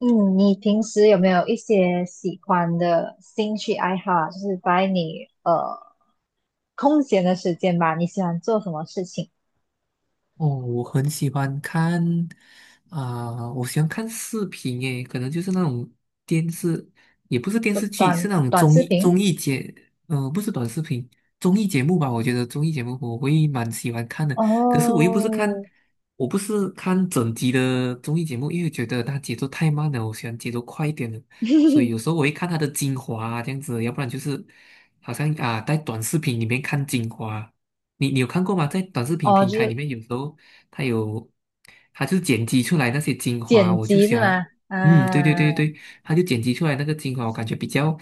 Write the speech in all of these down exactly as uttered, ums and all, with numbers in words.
嗯，你平时有没有一些喜欢的兴趣爱好啊就是在你呃空闲的时间吧，你喜欢做什么事情？哦，我很喜欢看啊、我喜欢看视频诶，可能就是那种电视，也不是电短视剧，是短那种短综视艺频？综艺节，嗯、不是短视频，综艺节目吧？我觉得综艺节目我会蛮喜欢看的，可是我又不是看，哦，我不是看整集的综艺节目，因为觉得它节奏太慢了，我喜欢节奏快一点的。所以有时候 我会看它的精华啊这样子，要不然就是好像啊、在短视频里面看精华。你你有看过吗？在短视频哦，平就台里是面，有时候它有，它就剪辑出来那些精华，剪我就辑喜是欢。吗？啊，嗯，对对对对，它就剪辑出来那个精华。我感觉比较，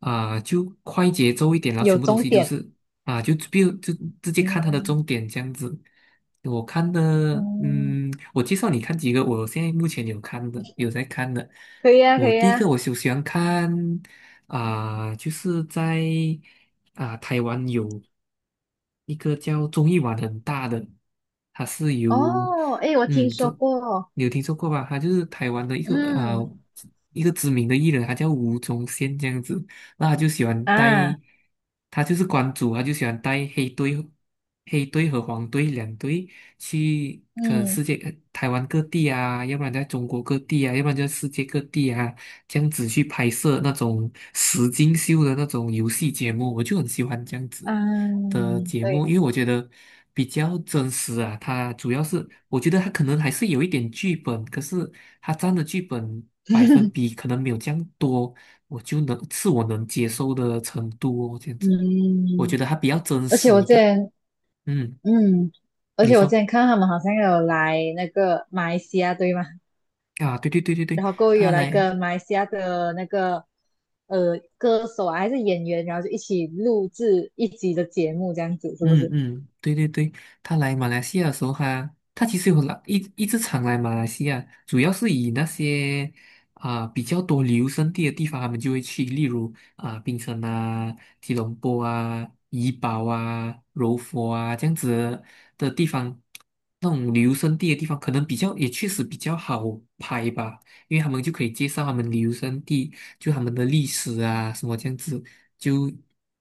啊、就快节奏一点，然后有全部东终西都点。是啊、就比如就直接看它的嗯重点这样子。我看的，嗯，嗯，我介绍你看几个，我现在目前有看的，有在看的。可以啊，可我以第一个啊。我就喜欢看。啊、就是在啊、台湾有一个叫综艺玩很大的，它是由哦，诶，我听嗯，这说过。你有听说过吧？他就是台湾的一个啊、嗯一个知名的艺人，他叫吴宗宪这样子。那他就喜欢带，啊，他就是关主，他就喜欢带黑队、黑队和黄队两队去，可能世嗯界呃台湾各地啊，要不然在中国各地啊，要不然就世界各地啊。这样子去拍摄那种实境秀的那种游戏节目，我就很喜欢这样子的嗯，节目，对，因为我觉得比较真实啊。它主要是我觉得它可能还是有一点剧本，可是它占的剧本百分 比可能没有这样多，我就能是我能接受的程度哦。这样子，我觉嗯。得它比较真而且实我一这。点。前嗯，嗯，而你且我之说前看到他们好像有来那个马来西亚，对吗？啊？对对对对对，然后各位他有来来。跟马来西亚的那个呃歌手啊，还是演员，然后就一起录制一集的节目，这样子是不嗯是？嗯，对对对，他来马来西亚的时候他，他其实有来一一直常来马来西亚，主要是以那些啊、比较多旅游胜地的地方，他们就会去，例如啊、槟城啊、吉隆坡啊、怡保啊、柔佛啊这样子的地方，那种旅游胜地的地方，可能比较也确实比较好拍吧，因为他们就可以介绍他们旅游胜地，就他们的历史啊什么这样子。就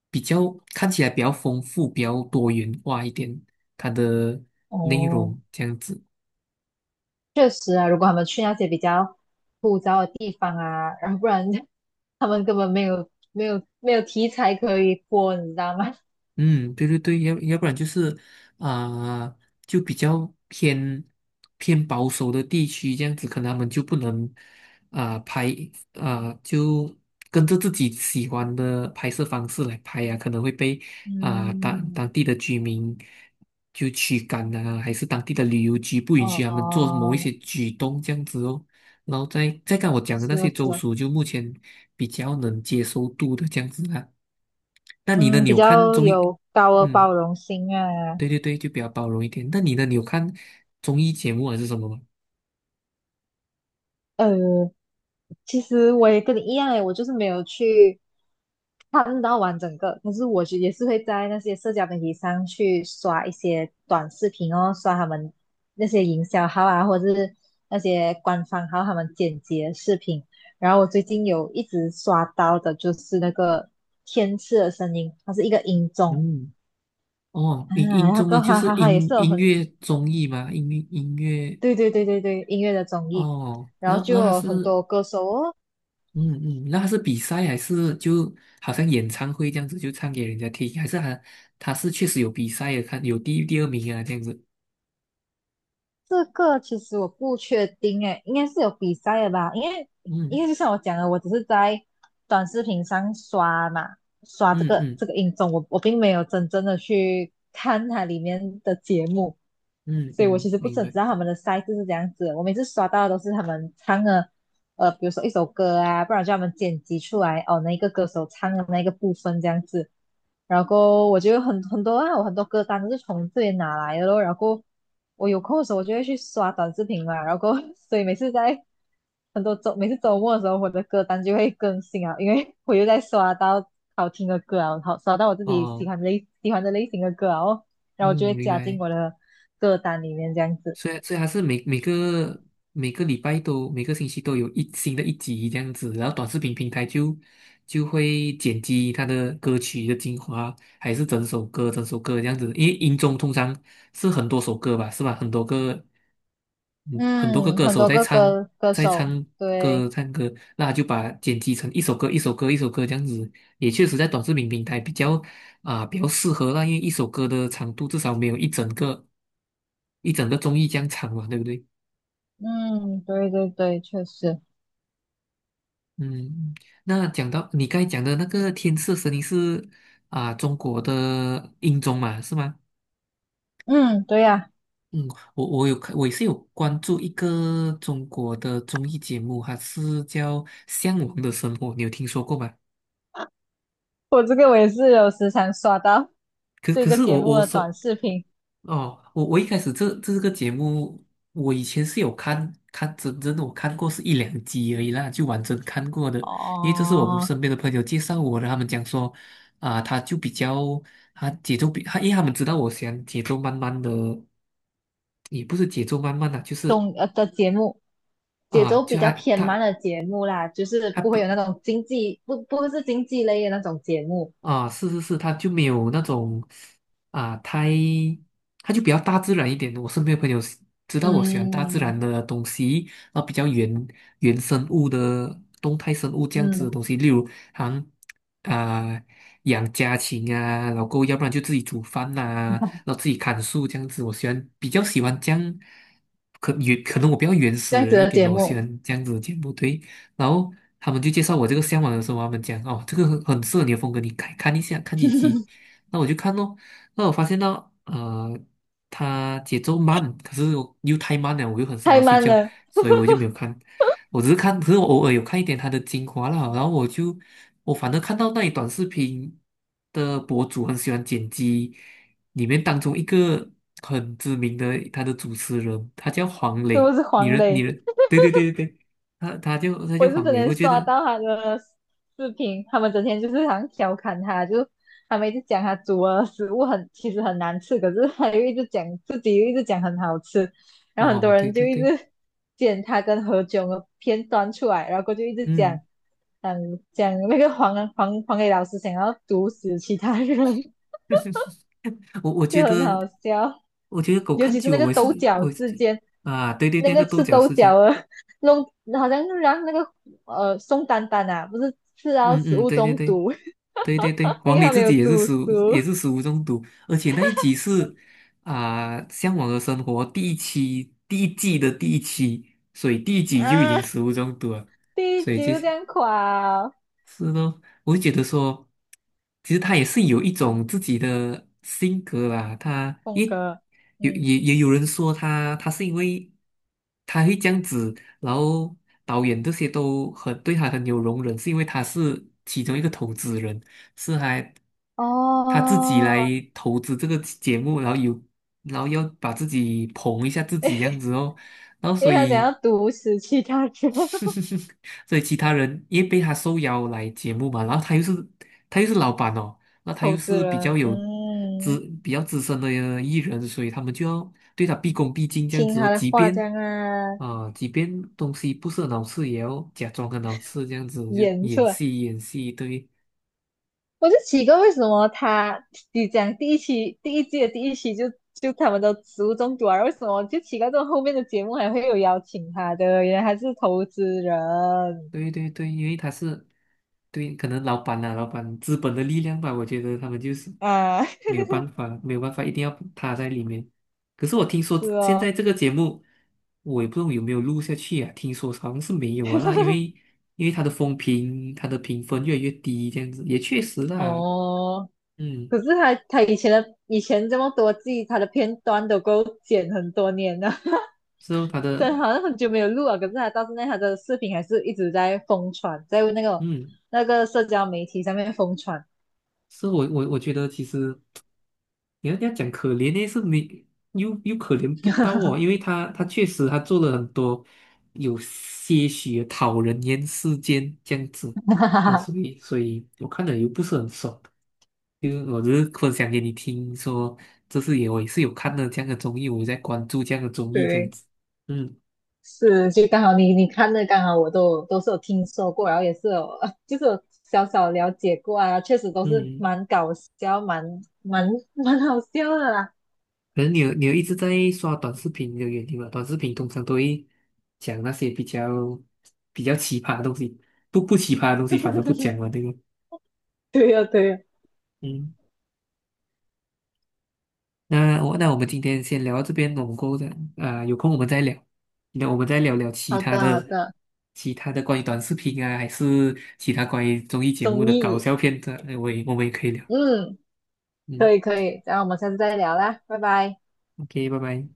比较看起来比较丰富、比较多元化一点，它的内哦，容这样子。确实啊，如果他们去那些比较枯燥的地方啊，然后不然 他们根本没有没有没有题材可以播，你知道吗？嗯，对对对，要要不然就是啊、就比较偏偏保守的地区，这样子可能他们就不能啊、拍啊、就跟着自己喜欢的拍摄方式来拍呀、可能会被 啊、当嗯，当地的居民就驱赶啊，还是当地的旅游局不允许他们做某一哦，些举动这样子哦。然后再再看我讲的那是些哦州是哦，属，就目前比较能接受度的这样子啊。那你呢？嗯，你比有看较综艺？有高的嗯，包容心啊。对对对，就比较包容一点。那你呢？你有看综艺节目还是什么吗？呃，其实我也跟你一样诶，我就是没有去看到完整个，可是我就也是会在那些社交媒体上去刷一些短视频哦，刷他们那些营销号啊，或者是那些官方号他们剪辑的视频。然后我最近有一直刷到的就是那个天赐的声音，它是一个音综嗯，哦，啊，音音那综个啊，就哈是哈哈也音是有音很乐综艺吗？音乐音乐。对对对对对音乐的综艺。哦，然后那就那他有很是多歌手哦，嗯嗯，那他是比赛还是就好像演唱会这样子，就唱给人家听，还是他他是确实有比赛的，看有第一第二名啊这样子。这个其实我不确定诶，应该是有比赛的吧？因为因嗯为就像我讲的，我只是在短视频上刷嘛，刷这嗯个嗯这个音综，我我并没有真正的去看它里面的节目，嗯所以我嗯，其实不明是很白。知道他们的赛制是怎样子的我每次刷到的都是他们唱的，呃，比如说一首歌啊，不然就他们剪辑出来哦，那一个歌手唱的那个部分这样子。然后我就有很很多啊，我很多歌单都是从这里拿来的咯。然后我有空的时候，我就会去刷短视频嘛。然后 所以每次在很多周每次周末的时候，我的歌单就会更新啊，因为 我又在刷到好听的歌啊，好刷到我自己喜哦，欢类喜欢的类型的歌啊哦，然嗯，后我就会明加进白。我的歌单里面这样子。所以所以还是每每个每个礼拜都每个星期都有一新的一集这样子，然后短视频平台就就会剪辑它的歌曲的精华，还是整首歌整首歌这样子？因为音综通常是很多首歌吧，是吧？很多个，嗯，很多个嗯，歌很手多在个唱，歌歌在手，唱歌对，唱歌，那他就把剪辑成一首歌一首歌一首歌这样子，也确实在短视频平台比较啊、比较适合。那因为一首歌的长度至少没有一整个一整个综艺这样长嘛，对不对？嗯，对对对，确实，嗯，那讲到你刚才讲的那个《天赐神音》是啊、中国的音综嘛，是吗？嗯，对呀、嗯，我我有看，我也是有关注一个中国的综艺节目，它是叫《向往的生活》，你有听说过吗？我这个我也是有时常刷到。可这可个是节我目我的短说视频哦，我我一开始这这个节目，我以前是有看看真正的，我看过是一两集而已啦，就完整看过的，因为这是我们哦，身边的朋友介绍我的。他们讲说啊、他就比较他节奏比他，因为他们知道我喜欢节奏慢慢的，也不是节奏慢慢的，就是动呃的节目，节啊、奏比就较爱偏慢他。的节目啦，就是他不会比有那种经济不不会是经济类的那种节目，啊，是是是，他就没有那种啊，太，他就比较大自然一点。我身边的朋友喜知道我喜欢大自嗯然的东西，然后比较原原生物的动态生物这样子的嗯，东西，例如好像啊养家禽啊，然后够要不然就自己煮饭呐、然后自己砍树这样子。我喜欢比较喜欢这样，可原可能我比较原始这样子人一的点节哦，我喜目欢这样子的节目。对。然后他们就介绍我这个向往的时候，他们讲哦，这个很很适合你的风格，你看看一下，看几集。那我就看咯，那我发现到呃，它节奏慢，可是我又太慢了，我又很想要太睡慢觉，了，所以我就没有看。我只是看，可是我偶尔有看一点它的精华啦，然后我就我反正看到那一短视频的博主很喜欢剪辑，里面当中一个很知名的他的主持人，他叫黄是不磊，是你黄认你磊？认，对对对对，他他就他我就也是黄整磊，天我觉刷得。到他的视频，他们整天就是好像调侃他，就他们一直讲他煮的食物很其实很难吃，可是他又一直讲自己又一直讲很好吃，然后很哦，多对人就对一对，直剪他跟何炅的片段出来，然后过就一直讲，嗯，嗯，讲那个黄 黄黄磊老师想要毒死其他人，我我 觉就很得好笑，我觉得狗尤看其是久那了，个我也是抖角我事件。啊，对对，那那个个豆吃角豆事角件。啊，弄好像就让那个呃宋丹丹啊，不是吃到嗯食嗯，物对对中对毒，对对对，因黄为磊他没自有己也是煮食物也熟是食物中毒，而且那一集是啊，向往的生活第一期第一季的第一期，所以第一集就已经啊，食物中毒了，第一所以集就就这样垮、哦，是咯，我就觉得说，其实他也是有一种自己的性格啦。他峰也哥，有嗯，也也有人说他，他是因为他会这样子，然后导演这些都很对他很有容忍，是因为他是其中一个投资人，是还他自己哦，来投资这个节目，然后有然后要把自己捧一下自己这样 子哦，然后因所为他想以。要毒死其他人，所以其他人也被他受邀来节目嘛，然后他又是他又是老板哦，那他投又资是比较人，有资嗯，比较资深的艺人，所以他们就要对他毕恭毕敬这样听子哦，他的即话这便样啊，啊、即便东西不是很好吃，也要假装很好吃这样子，就演出演来戏演戏。对，我就奇怪为什么他你讲第一期第一季的第一期就就他们都食物中毒啊，为什么就奇怪这种后面的节目还会有邀请他的？原来还是投资人对对对，因为他是对，可能老板啊，老板资本的力量吧，我觉得他们就是啊，没有办法，没有办法，一定要他在里面。可是我听说是现在哦，这个节目，我也不知道有没有录下去啊，听说好像是没有啊。那因为因为他的风评，他的评分越来越低，这样子也确实啦。哦，嗯，可是他他以前的以前这么多季，他的片段都够剪很多年了，是哦，他虽的，然好像很久没有录了，可是他到现在他的视频还是一直在疯传，在那个嗯，那个社交媒体上面疯传，是我我我觉得其实。你要这样讲可怜呢，是没又又可怜不到哦，因为他他确实他做了很多有些许的讨人厌事件这样子。那 所以所以我看了又不是很爽，就是我只是分享给你听说，这次也我也是有看了这样的综艺，我有在关注这样的综艺这样对。子。嗯是，就刚好你你看的，刚好我都都是有听说过，然后也是有 就是有小小了解过啊，确实都是嗯，蛮搞笑，蛮蛮蛮好笑的啦。可能你有你有一直在刷短视频的原因吧，短视频通常都会讲那些比较比较奇葩的东西。不不奇葩的东西反而不 讲了，对吧？对呀、对呀、嗯，那我那我们今天先聊到这边，我们过后再啊、有空我们再聊，那我们再聊聊其好他的好的，的，其他的关于短视频啊，还是其他关于综艺节目综的搞艺，笑片段，哎我也我们也可以聊。嗯，嗯可以可以，然后我们下次再聊啦，拜拜。，OK，拜拜。